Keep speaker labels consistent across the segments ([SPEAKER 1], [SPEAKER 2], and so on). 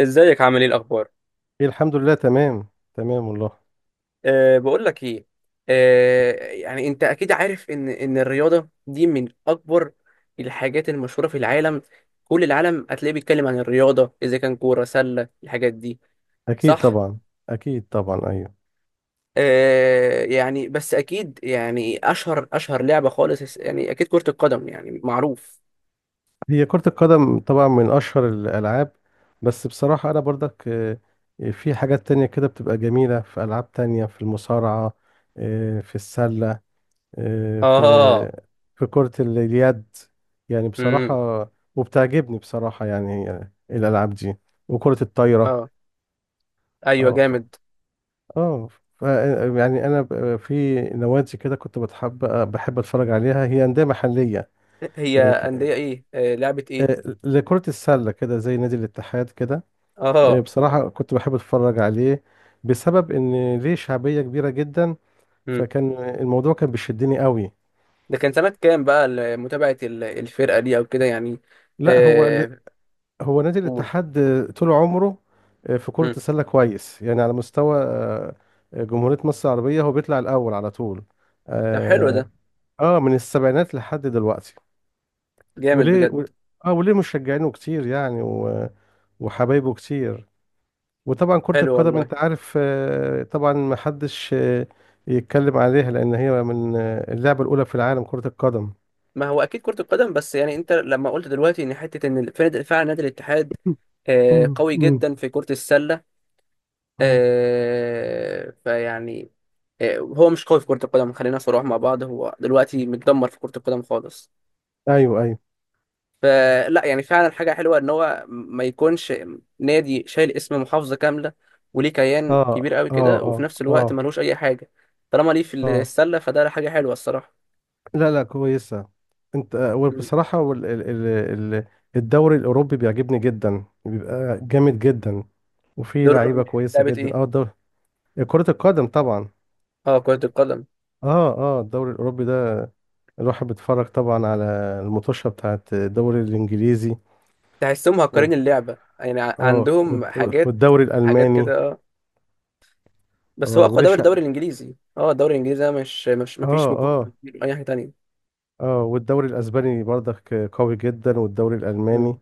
[SPEAKER 1] ازيك؟ عامل ايه؟ الاخبار؟
[SPEAKER 2] إيه، الحمد لله تمام. تمام والله.
[SPEAKER 1] بقول لك ايه. يعني انت اكيد عارف ان الرياضه دي من اكبر الحاجات المشهوره في العالم. كل العالم هتلاقيه بيتكلم عن الرياضه، اذا كان كوره سله، الحاجات دي.
[SPEAKER 2] اكيد
[SPEAKER 1] صح.
[SPEAKER 2] طبعا. اكيد طبعا، ايوه.
[SPEAKER 1] يعني بس اكيد يعني اشهر لعبه خالص يعني اكيد كره القدم، يعني معروف.
[SPEAKER 2] هي كرة القدم طبعا من اشهر الالعاب. بس بصراحة انا برضك في حاجات تانية كده بتبقى جميلة، في العاب تانية، في المصارعة. في السلة. آه، في
[SPEAKER 1] اه.
[SPEAKER 2] في كرة اليد، يعني بصراحة.
[SPEAKER 1] امم
[SPEAKER 2] وبتعجبني بصراحة يعني، الالعاب دي. وكرة الطايرة.
[SPEAKER 1] اه. ايوه
[SPEAKER 2] اه
[SPEAKER 1] جامد.
[SPEAKER 2] اه ف- يعني في نوادي كده كنت بتحب، بحب اتفرج عليها، هي انديه محليه.
[SPEAKER 1] هي
[SPEAKER 2] يعني
[SPEAKER 1] انديه
[SPEAKER 2] ك-
[SPEAKER 1] ايه؟ لعبه ايه؟
[SPEAKER 2] لكره السله كده، زي نادي الاتحاد كده.
[SPEAKER 1] اه،
[SPEAKER 2] بصراحه كنت بحب اتفرج عليه، بسبب ان ليه شعبيه كبيره جدا. فكان الموضوع كان بيشدني قوي.
[SPEAKER 1] ده كان سنة كام بقى متابعة الفرقة دي أو كده يعني؟
[SPEAKER 2] لا،
[SPEAKER 1] آه،
[SPEAKER 2] هو نادي
[SPEAKER 1] قول.
[SPEAKER 2] الاتحاد، طول عمره في كره
[SPEAKER 1] مم.
[SPEAKER 2] السله كويس، يعني على مستوى جمهوريه مصر العربيه هو بيطلع الاول على طول.
[SPEAKER 1] طب حلو
[SPEAKER 2] اه.
[SPEAKER 1] ده.
[SPEAKER 2] من السبعينات لحد دلوقتي.
[SPEAKER 1] جامد
[SPEAKER 2] وليه
[SPEAKER 1] بجد.
[SPEAKER 2] اه، وليه مشجعينه كتير يعني، وحبايبه كتير. وطبعا كرة
[SPEAKER 1] حلو
[SPEAKER 2] القدم،
[SPEAKER 1] والله.
[SPEAKER 2] انت عارف، طبعا ما حدش يتكلم عليها، لان هي من اللعبة الاولى في العالم كرة القدم.
[SPEAKER 1] ما هو أكيد كرة القدم، بس يعني أنت لما قلت دلوقتي إن حتة إن فعلا نادي الاتحاد
[SPEAKER 2] مم. مم.
[SPEAKER 1] قوي
[SPEAKER 2] مم.
[SPEAKER 1] جدا في كرة السلة.
[SPEAKER 2] آه.
[SPEAKER 1] فيعني هو مش قوي في كرة القدم. خلينا صراحة مع بعض، هو دلوقتي متدمر في كرة القدم خالص.
[SPEAKER 2] ايوه، ايوه.
[SPEAKER 1] فلا، يعني فعلا حاجة حلوة إن هو ما يكونش نادي شايل اسم محافظة كاملة وليه كيان
[SPEAKER 2] اه،
[SPEAKER 1] كبير قوي
[SPEAKER 2] اه،
[SPEAKER 1] كده، وفي
[SPEAKER 2] اه،
[SPEAKER 1] نفس الوقت
[SPEAKER 2] اه.
[SPEAKER 1] ملهوش أي حاجة. طالما ليه في
[SPEAKER 2] اه.
[SPEAKER 1] السلة فده حاجة حلوة الصراحة.
[SPEAKER 2] لا، لا، كويسة. انت
[SPEAKER 1] مم.
[SPEAKER 2] وبصراحة، وال... ال... ال... ال... الدوري الاوروبي بيعجبني جدا، بيبقى جامد جدا. وفي
[SPEAKER 1] دور الربع
[SPEAKER 2] لعيبة
[SPEAKER 1] في
[SPEAKER 2] كويسة
[SPEAKER 1] لعبة
[SPEAKER 2] جدا.
[SPEAKER 1] إيه؟
[SPEAKER 2] اه، الدوري. كرة القدم طبعا.
[SPEAKER 1] كرة القدم.
[SPEAKER 2] اه، اه، الدوري الاوروبي ده، الواحد بيتفرج طبعا على المطوشه بتاعت الدوري الانجليزي.
[SPEAKER 1] تحسهم
[SPEAKER 2] و...
[SPEAKER 1] مهكرين اللعبة يعني،
[SPEAKER 2] اه،
[SPEAKER 1] عندهم حاجات،
[SPEAKER 2] والدوري
[SPEAKER 1] حاجات
[SPEAKER 2] الالماني.
[SPEAKER 1] كده، أه.
[SPEAKER 2] اه،
[SPEAKER 1] بس هو أقوى دوري،
[SPEAKER 2] وليش،
[SPEAKER 1] الدوري
[SPEAKER 2] اه.
[SPEAKER 1] الإنجليزي. الدوري الإنجليزي ده، مش مفيش مقارنة
[SPEAKER 2] اه.
[SPEAKER 1] كتير أي حاجة تانية.
[SPEAKER 2] اه، والدوري الاسباني برضك قوي جدا، والدوري
[SPEAKER 1] مم.
[SPEAKER 2] الالماني.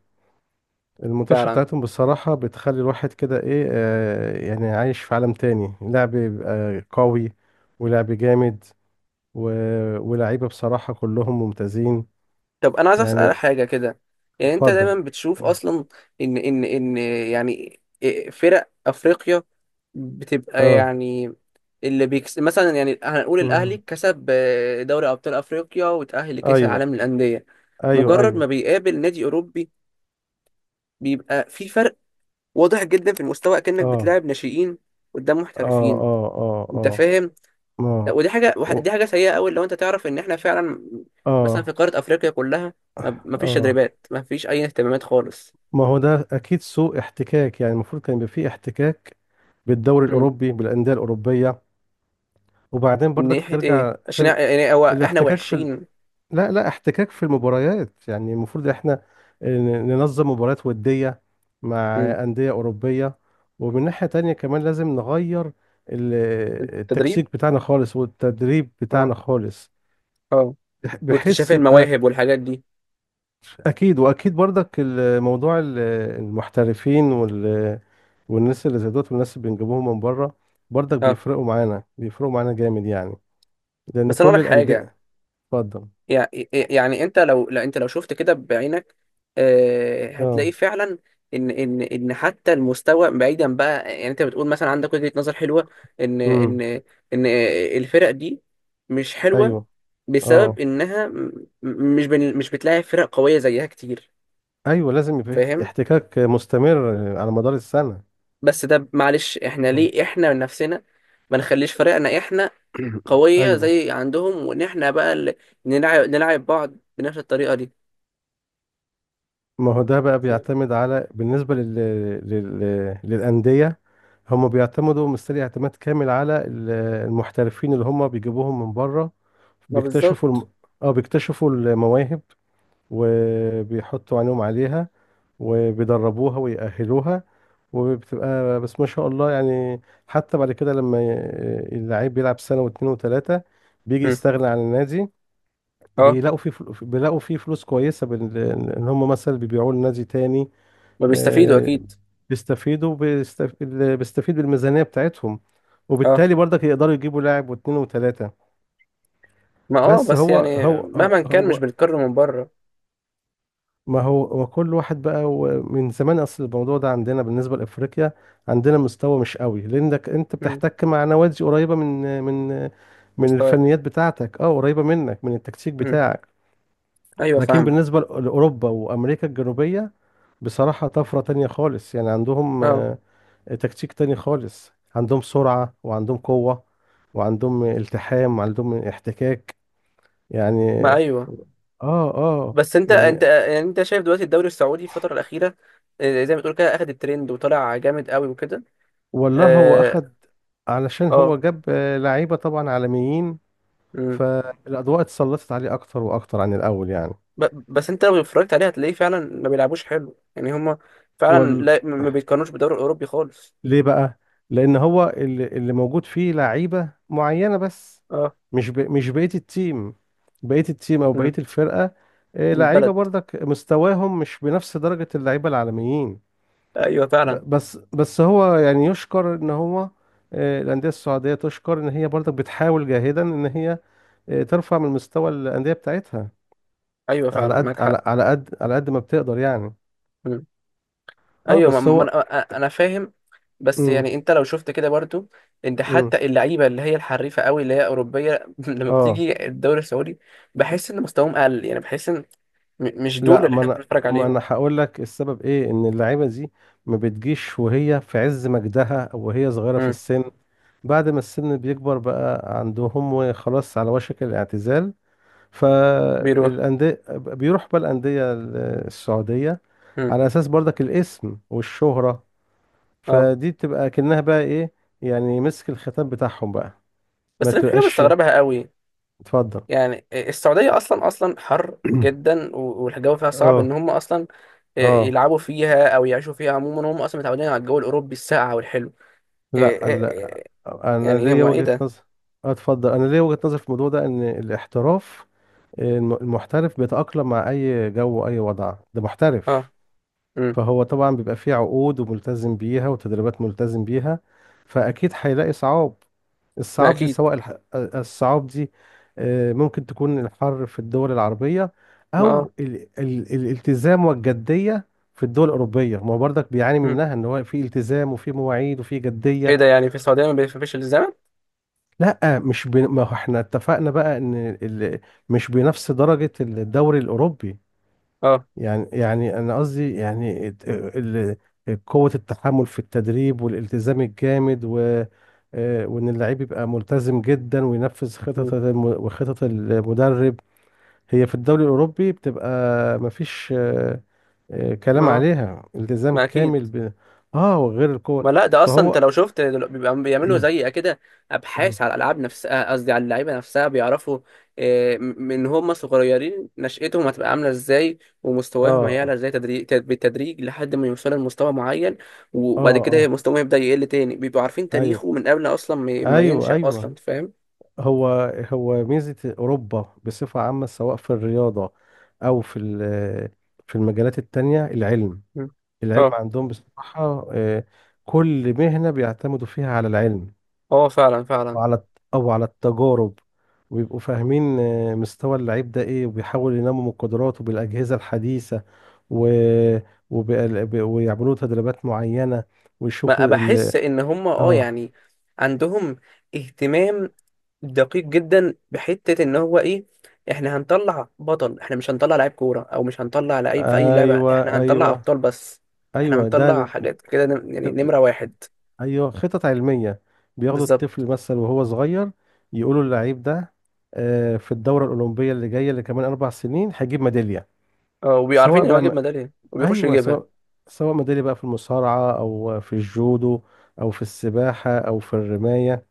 [SPEAKER 2] المطوشه
[SPEAKER 1] فعلا.
[SPEAKER 2] بتاعتهم بصراحه بتخلي الواحد كده ايه، يعني عايش في عالم تاني، لعب بيبقى قوي، ولعب جامد. و... ولاعيبه بصراحه كلهم ممتازين
[SPEAKER 1] طب انا عايز
[SPEAKER 2] يعني.
[SPEAKER 1] اسال حاجه كده. يعني انت
[SPEAKER 2] اتفضل.
[SPEAKER 1] دايما بتشوف اصلا ان يعني فرق افريقيا بتبقى
[SPEAKER 2] اه.
[SPEAKER 1] يعني، اللي بيكس مثلا، يعني هنقول الاهلي
[SPEAKER 2] مم.
[SPEAKER 1] كسب دوري ابطال افريقيا وتاهل لكاس
[SPEAKER 2] ايوه،
[SPEAKER 1] العالم للانديه.
[SPEAKER 2] ايوه،
[SPEAKER 1] مجرد
[SPEAKER 2] ايوه.
[SPEAKER 1] ما بيقابل نادي اوروبي، بيبقى في فرق واضح جدا في المستوى، كأنك
[SPEAKER 2] اه،
[SPEAKER 1] بتلاعب ناشئين قدام
[SPEAKER 2] اه،
[SPEAKER 1] محترفين.
[SPEAKER 2] اه، اه.
[SPEAKER 1] انت
[SPEAKER 2] اه.
[SPEAKER 1] فاهم؟ لا
[SPEAKER 2] ما،
[SPEAKER 1] ودي حاجه،
[SPEAKER 2] و-
[SPEAKER 1] دي حاجه سيئه قوي لو انت تعرف ان احنا فعلا مثلا في
[SPEAKER 2] اه،
[SPEAKER 1] قاره افريقيا كلها ما فيش
[SPEAKER 2] اه.
[SPEAKER 1] تدريبات، ما فيش اي اهتمامات خالص.
[SPEAKER 2] ما هو ده اكيد سوء احتكاك، يعني المفروض كان يبقى فيه احتكاك بالدوري
[SPEAKER 1] مم.
[SPEAKER 2] الاوروبي، بالانديه الاوروبيه. وبعدين
[SPEAKER 1] من
[SPEAKER 2] برضك
[SPEAKER 1] ناحيه ايه؟
[SPEAKER 2] بترجع
[SPEAKER 1] عشان يعني هو احنا
[SPEAKER 2] الاحتكاك في
[SPEAKER 1] وحشين؟
[SPEAKER 2] لا، لا، احتكاك في المباريات، يعني المفروض احنا ننظم مباريات وديه مع
[SPEAKER 1] مم.
[SPEAKER 2] انديه اوروبيه. ومن ناحيه تانية كمان لازم نغير ال-
[SPEAKER 1] التدريب.
[SPEAKER 2] التكسيك بتاعنا خالص، والتدريب
[SPEAKER 1] اه.
[SPEAKER 2] بتاعنا خالص،
[SPEAKER 1] اه، واكتشاف
[SPEAKER 2] بحيث يبقى
[SPEAKER 1] المواهب والحاجات دي.
[SPEAKER 2] اكيد. واكيد برضك الموضوع المحترفين والناس اللي زي دوت، والناس اللي بنجيبوهم من بره، برضك
[SPEAKER 1] اه.
[SPEAKER 2] بيفرقوا معانا، بيفرقوا معانا جامد يعني، لان
[SPEAKER 1] بس انا
[SPEAKER 2] كل
[SPEAKER 1] اقول لك حاجه.
[SPEAKER 2] الانديه. اتفضل.
[SPEAKER 1] يع- يعني انت لو، لا انت لو شفت كده بعينك
[SPEAKER 2] اه.
[SPEAKER 1] هتلاقي فعلا ان حتى المستوى بعيدا بقى، يعني انت بتقول مثلا عندك وجهة نظر حلوة ان
[SPEAKER 2] امم.
[SPEAKER 1] ان الفرق دي مش حلوة
[SPEAKER 2] ايوه،
[SPEAKER 1] بسبب
[SPEAKER 2] اه،
[SPEAKER 1] انها مش بتلاقي فرق قوية زيها كتير.
[SPEAKER 2] ايوه، لازم يبقى في
[SPEAKER 1] فاهم؟
[SPEAKER 2] احتكاك مستمر على مدار السنه.
[SPEAKER 1] بس ده معلش، احنا
[SPEAKER 2] آه.
[SPEAKER 1] ليه احنا من نفسنا ما نخليش فرقنا احنا قوية
[SPEAKER 2] ايوه.
[SPEAKER 1] زي عندهم، وان احنا بقى اللي نلعب بعض بنفس الطريقة دي.
[SPEAKER 2] ما هو ده بقى
[SPEAKER 1] فاهم؟
[SPEAKER 2] بيعتمد على، بالنسبة للأندية. هم بيعتمدوا مستري اعتماد كامل على المحترفين اللي هم بيجيبوهم من بره،
[SPEAKER 1] ما
[SPEAKER 2] بيكتشفوا
[SPEAKER 1] بالظبط.
[SPEAKER 2] اه، بيكتشفوا المواهب، وبيحطوا عينهم عليها، وبيدربوها ويأهلوها. وبتبقى بس، ما شاء الله يعني. حتى بعد كده لما اللعيب بيلعب سنة واتنين وتلاتة، بيجي يستغنى عن النادي.
[SPEAKER 1] اه.
[SPEAKER 2] بيلاقوا فيه فلوس كويسة ان هم مثلا بيبيعوه لنادي تاني.
[SPEAKER 1] ما بيستفيدوا
[SPEAKER 2] آه،
[SPEAKER 1] اكيد.
[SPEAKER 2] بيستفيدوا، اللي بيستفيد بالميزانية بتاعتهم،
[SPEAKER 1] اه.
[SPEAKER 2] وبالتالي برضك يقدروا يجيبوا لاعب، واثنين، وثلاثة.
[SPEAKER 1] ما اه،
[SPEAKER 2] بس
[SPEAKER 1] بس
[SPEAKER 2] هو
[SPEAKER 1] يعني
[SPEAKER 2] هو هو
[SPEAKER 1] مهما كان مش
[SPEAKER 2] هو-
[SPEAKER 1] بنتكرر من بره.
[SPEAKER 2] ما هو كل واحد بقى، هو من زمان، اصل الموضوع ده عندنا بالنسبة لأفريقيا، عندنا مستوى مش قوي، لأنك انت
[SPEAKER 1] مم.
[SPEAKER 2] بتحتك مع نوادي قريبة من من
[SPEAKER 1] مستواك.
[SPEAKER 2] الفنيات بتاعتك، اه، قريبة منك من التكتيك
[SPEAKER 1] مم.
[SPEAKER 2] بتاعك.
[SPEAKER 1] ايوه
[SPEAKER 2] لكن
[SPEAKER 1] فاهمك.
[SPEAKER 2] بالنسبة لأوروبا وأمريكا الجنوبية، بصراحة طفرة تانية خالص، يعني عندهم
[SPEAKER 1] اه.
[SPEAKER 2] تكتيك تاني خالص، عندهم سرعة، وعندهم قوة، وعندهم التحام، وعندهم احتكاك يعني.
[SPEAKER 1] ما ايوه.
[SPEAKER 2] اه، اه.
[SPEAKER 1] بس انت، انت
[SPEAKER 2] يعني
[SPEAKER 1] يعني انت شايف دلوقتي الدوري السعودي الفتره الاخيره زي ما تقول كده اخد الترند وطلع جامد قوي وكده.
[SPEAKER 2] والله، هو
[SPEAKER 1] اه.
[SPEAKER 2] اخد علشان
[SPEAKER 1] اه.
[SPEAKER 2] هو جاب لعيبة طبعا عالميين،
[SPEAKER 1] مم.
[SPEAKER 2] فالأضواء اتسلطت عليه أكتر وأكتر عن الأول يعني.
[SPEAKER 1] بس انت لو اتفرجت عليه هتلاقيه فعلا ما بيلعبوش حلو، يعني هما فعلا،
[SPEAKER 2] وال...
[SPEAKER 1] لا ما بيتقارنوش بالدوري الاوروبي خالص.
[SPEAKER 2] ليه بقى؟ لأن هو اللي موجود فيه لعيبة معينة بس،
[SPEAKER 1] اه.
[SPEAKER 2] مش بقية التيم، بقية التيم أو بقية
[SPEAKER 1] مم.
[SPEAKER 2] الفرقة.
[SPEAKER 1] من
[SPEAKER 2] لعيبة
[SPEAKER 1] البلد.
[SPEAKER 2] برضك مستواهم مش بنفس درجة اللعيبة العالميين.
[SPEAKER 1] ايوه فعلا.
[SPEAKER 2] بس هو، يعني يشكر إن هو، الأندية السعودية تشكر إن هي برضك بتحاول جاهدا إن هي ترفع من مستوى الأندية بتاعتها،
[SPEAKER 1] ايوه
[SPEAKER 2] على
[SPEAKER 1] فعلا،
[SPEAKER 2] قد
[SPEAKER 1] معاك حق.
[SPEAKER 2] على على قد على قد ما بتقدر يعني.
[SPEAKER 1] مم.
[SPEAKER 2] اه،
[SPEAKER 1] ايوه،
[SPEAKER 2] بس هو.
[SPEAKER 1] انا، فاهم. بس
[SPEAKER 2] امم.
[SPEAKER 1] يعني انت لو شفت كده برضو، انت
[SPEAKER 2] امم.
[SPEAKER 1] حتى اللعيبه اللي هي الحريفه قوي، اللي هي اوروبيه لما
[SPEAKER 2] اه.
[SPEAKER 1] بتيجي الدوري السعودي بحس ان مستواهم اقل، يعني بحس ان مش دول
[SPEAKER 2] لا،
[SPEAKER 1] اللي احنا كنا بنتفرج
[SPEAKER 2] ما انا
[SPEAKER 1] عليهم.
[SPEAKER 2] هقول لك السبب ايه، ان اللعيبه دي ما بتجيش وهي في عز مجدها، او وهي صغيره في
[SPEAKER 1] امم.
[SPEAKER 2] السن. بعد ما السن بيكبر بقى عندهم، وخلاص على وشك الاعتزال،
[SPEAKER 1] بيروح.
[SPEAKER 2] فالانديه، بيروح بقى الانديه السعوديه،
[SPEAKER 1] امم.
[SPEAKER 2] على اساس برضك الاسم والشهره.
[SPEAKER 1] اه.
[SPEAKER 2] فدي بتبقى كأنها بقى ايه، يعني مسك الختام بتاعهم بقى. ما
[SPEAKER 1] بس انا في حاجه
[SPEAKER 2] تبقاش.
[SPEAKER 1] مستغربها قوي.
[SPEAKER 2] اتفضل.
[SPEAKER 1] يعني السعوديه اصلا حر جدا والجو فيها صعب، ان
[SPEAKER 2] اه،
[SPEAKER 1] هم اصلا
[SPEAKER 2] اه.
[SPEAKER 1] يلعبوا فيها او يعيشوا فيها. عموما هم اصلا متعودين على الجو الاوروبي الساقع والحلو. إيه- إيه-
[SPEAKER 2] لا، لا،
[SPEAKER 1] إيه،
[SPEAKER 2] انا
[SPEAKER 1] يعني
[SPEAKER 2] ليا
[SPEAKER 1] هم ايه
[SPEAKER 2] وجهة
[SPEAKER 1] ده؟
[SPEAKER 2] نظر. اتفضل، انا ليا وجهة نظر في الموضوع ده، ان الاحتراف، المحترف بيتأقلم مع اي جو واي وضع، ده
[SPEAKER 1] اه.
[SPEAKER 2] محترف.
[SPEAKER 1] امم.
[SPEAKER 2] فهو طبعا بيبقى فيه عقود وملتزم بيها، وتدريبات ملتزم بيها، فاكيد هيلاقي صعاب.
[SPEAKER 1] ما اكيد.
[SPEAKER 2] الصعاب دي، ممكن تكون الحر في الدول العربية،
[SPEAKER 1] ما اه.
[SPEAKER 2] او الالتزام والجدية في الدول الأوروبية. ما هو برضك بيعاني
[SPEAKER 1] امم.
[SPEAKER 2] منها، ان هو في التزام، وفي مواعيد، وفي
[SPEAKER 1] ايه
[SPEAKER 2] جدية.
[SPEAKER 1] ده، يعني في السعوديه ما بيفرقش الزمن؟
[SPEAKER 2] لا، مش بي... ما هو احنا اتفقنا بقى ان ال... مش بنفس درجة الدوري الأوروبي.
[SPEAKER 1] اه.
[SPEAKER 2] يعني، انا قصدي، يعني قوة التحمل في التدريب، والالتزام الجامد، وان اللعيب يبقى ملتزم جدا، وينفذ خطط
[SPEAKER 1] مم.
[SPEAKER 2] وخطط المدرب. هي في الدوري الأوروبي بتبقى، مفيش
[SPEAKER 1] ما
[SPEAKER 2] كلام
[SPEAKER 1] آه.
[SPEAKER 2] عليها، التزام
[SPEAKER 1] ما اكيد.
[SPEAKER 2] كامل اه، وغير القوة.
[SPEAKER 1] ما لا، ده اصلا انت
[SPEAKER 2] فهو.
[SPEAKER 1] لو شفت بيبقى بيعملوا زي كده
[SPEAKER 2] اه،
[SPEAKER 1] ابحاث على الالعاب نفسها، قصدي على اللعيبه نفسها. بيعرفوا من هم صغيرين، نشأتهم هتبقى عامله ازاي، ومستواهم هيعلى
[SPEAKER 2] اه،
[SPEAKER 1] ازاي، تدريج، بالتدريج لحد ما يوصلوا لمستوى معين، وبعد كده
[SPEAKER 2] اه،
[SPEAKER 1] مستواهم يبدأ يقل تاني. بيبقوا عارفين
[SPEAKER 2] ايوه،
[SPEAKER 1] تاريخه من قبل اصلا ما
[SPEAKER 2] ايوه،
[SPEAKER 1] ينشأ
[SPEAKER 2] ايوه.
[SPEAKER 1] اصلا. فاهم؟
[SPEAKER 2] هو هو ميزة أوروبا بصفة عامة، سواء في الرياضة أو في في المجالات التانية، العلم.
[SPEAKER 1] مم.
[SPEAKER 2] العلم
[SPEAKER 1] اه.
[SPEAKER 2] عندهم بصراحة، كل مهنة بيعتمدوا فيها على العلم،
[SPEAKER 1] اه، فعلا فعلا.
[SPEAKER 2] وعلى أو على التجارب، ويبقوا فاهمين مستوى اللعيب ده إيه، وبيحاولوا ينموا من قدراته بالأجهزة الحديثة، و... ويعملوا له تدريبات معينة،
[SPEAKER 1] ما
[SPEAKER 2] ويشوفوا
[SPEAKER 1] بحس ان هم اه
[SPEAKER 2] آه
[SPEAKER 1] يعني عندهم اهتمام دقيق جدا بحته، ان هو ايه، احنا هنطلع بطل، احنا مش هنطلع لعيب كوره او مش هنطلع لعيب في اي لعبه،
[SPEAKER 2] أيوه،
[SPEAKER 1] احنا هنطلع
[SPEAKER 2] أيوه،
[SPEAKER 1] ابطال بس. احنا
[SPEAKER 2] أيوه،
[SPEAKER 1] هنطلع
[SPEAKER 2] ده
[SPEAKER 1] حاجات كده، يعني نمره واحد.
[SPEAKER 2] ايوه خطط علميه. بياخدوا
[SPEAKER 1] بالظبط.
[SPEAKER 2] الطفل مثلا وهو صغير، يقولوا اللعيب ده، في الدوره الاولمبيه اللي جايه، اللي كمان 4 سنين هيجيب ميداليه.
[SPEAKER 1] اه، وبيعرفين
[SPEAKER 2] سواء
[SPEAKER 1] ان هو
[SPEAKER 2] بقى
[SPEAKER 1] يجيب ميداليه وبيخش
[SPEAKER 2] ايوه،
[SPEAKER 1] يجيبها.
[SPEAKER 2] سواء، سواء ميداليه بقى، في المصارعه او في الجودو، او في السباحه، او في الرمايه.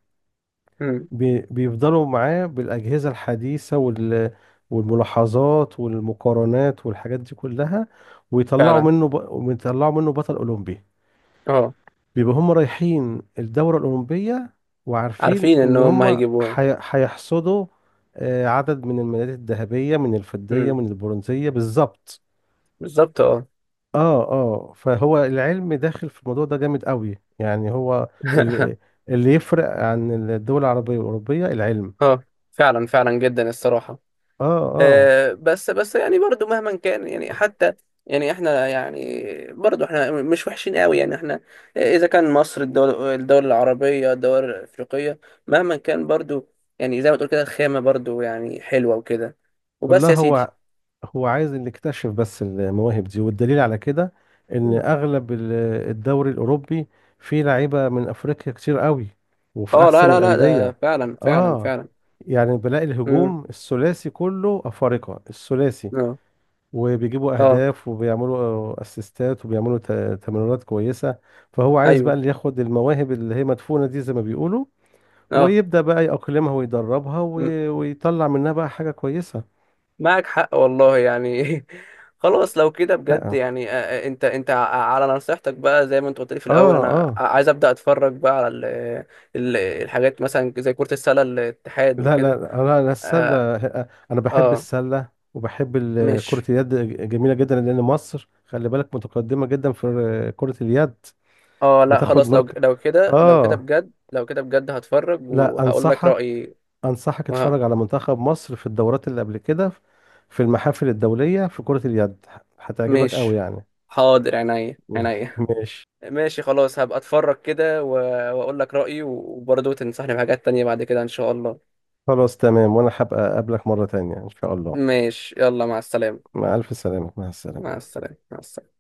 [SPEAKER 1] امم.
[SPEAKER 2] بيفضلوا معاه بالاجهزه الحديثه، والملاحظات والمقارنات والحاجات دي كلها،
[SPEAKER 1] فعلا.
[SPEAKER 2] ويطلعوا منه بطل اولمبي.
[SPEAKER 1] اه.
[SPEAKER 2] بيبقوا هم رايحين الدورة الأولمبية، وعارفين
[SPEAKER 1] عارفين ان
[SPEAKER 2] إن
[SPEAKER 1] هم
[SPEAKER 2] هم
[SPEAKER 1] هيجيبوها.
[SPEAKER 2] هيحصدوا عدد من الميداليات الذهبية، من الفضية،
[SPEAKER 1] امم.
[SPEAKER 2] من البرونزية، بالظبط.
[SPEAKER 1] بالظبط، اه.
[SPEAKER 2] اه، اه، فهو العلم داخل في الموضوع ده جامد قوي، يعني هو اللي اللي يفرق عن الدول العربية والأوروبية، العلم.
[SPEAKER 1] اه، فعلا فعلا جدا الصراحه.
[SPEAKER 2] اه، اه.
[SPEAKER 1] بس يعني برضو مهما كان، يعني حتى يعني احنا يعني برضو احنا مش وحشين قوي، يعني احنا اذا كان مصر، الدول، الدول العربية، الدول الافريقية، مهما كان برضو، يعني زي ما تقول كده الخامة برضو يعني حلوة وكده، وبس
[SPEAKER 2] والله،
[SPEAKER 1] يا سيدي.
[SPEAKER 2] هو هو عايز نكتشف بس المواهب دي، والدليل على كده ان
[SPEAKER 1] مم.
[SPEAKER 2] اغلب الدوري الاوروبي، فيه لعيبه من افريقيا كتير قوي، وفي
[SPEAKER 1] اه. لا
[SPEAKER 2] احسن
[SPEAKER 1] لا لا، ده
[SPEAKER 2] الانديه.
[SPEAKER 1] فعلا فعلا
[SPEAKER 2] اه،
[SPEAKER 1] فعلا.
[SPEAKER 2] يعني بلاقي
[SPEAKER 1] امم.
[SPEAKER 2] الهجوم الثلاثي كله افارقه، الثلاثي
[SPEAKER 1] اه.
[SPEAKER 2] وبيجيبوا
[SPEAKER 1] اه.
[SPEAKER 2] اهداف، وبيعملوا اسيستات، وبيعملوا تمريرات كويسه. فهو عايز بقى
[SPEAKER 1] ايوه.
[SPEAKER 2] اللي ياخد المواهب اللي هي مدفونه دي، زي ما بيقولوا،
[SPEAKER 1] اه.
[SPEAKER 2] ويبدا بقى يأقلمها ويدربها، ويطلع منها بقى حاجه كويسه.
[SPEAKER 1] معك حق والله يعني. خلاص لو كده بجد،
[SPEAKER 2] لا.
[SPEAKER 1] يعني انت، انت على نصيحتك بقى، زي ما انت قلت لي في
[SPEAKER 2] اه،
[SPEAKER 1] الاول، انا
[SPEAKER 2] اه.
[SPEAKER 1] عايز ابدا اتفرج بقى على ال الحاجات مثلا زي كرة السلة الاتحاد
[SPEAKER 2] لا،
[SPEAKER 1] وكده.
[SPEAKER 2] لا، انا
[SPEAKER 1] اه.
[SPEAKER 2] السله، انا بحب
[SPEAKER 1] آه،
[SPEAKER 2] السله، وبحب كره
[SPEAKER 1] مش
[SPEAKER 2] اليد، جميله جدا. لان مصر، خلي بالك، متقدمه جدا في كره اليد،
[SPEAKER 1] اه، لا
[SPEAKER 2] بتاخد
[SPEAKER 1] خلاص، لو
[SPEAKER 2] مركز.
[SPEAKER 1] لو كده، لو كده
[SPEAKER 2] اه.
[SPEAKER 1] بجد، لو كده بجد هتفرج
[SPEAKER 2] لا،
[SPEAKER 1] وهقول لك
[SPEAKER 2] انصحك،
[SPEAKER 1] رأيي.
[SPEAKER 2] انصحك
[SPEAKER 1] وه-
[SPEAKER 2] اتفرج على منتخب مصر في الدورات اللي قبل كده، في المحافل الدوليه، في كره اليد، هتعجبك
[SPEAKER 1] مش،
[SPEAKER 2] قوي يعني.
[SPEAKER 1] حاضر، عينيا عينيا.
[SPEAKER 2] ماشي.
[SPEAKER 1] ماشي خلاص، هبقى اتفرج كده واقول لك رأيي، وبرضه تنصحني بحاجات تانية بعد كده ان شاء الله.
[SPEAKER 2] خلاص، تمام، وانا هبقى اقابلك مره تانية ان شاء الله.
[SPEAKER 1] ماشي، يلا مع السلامة.
[SPEAKER 2] مع الف سلامه، مع السلامه.
[SPEAKER 1] مع السلامة مع السلامة.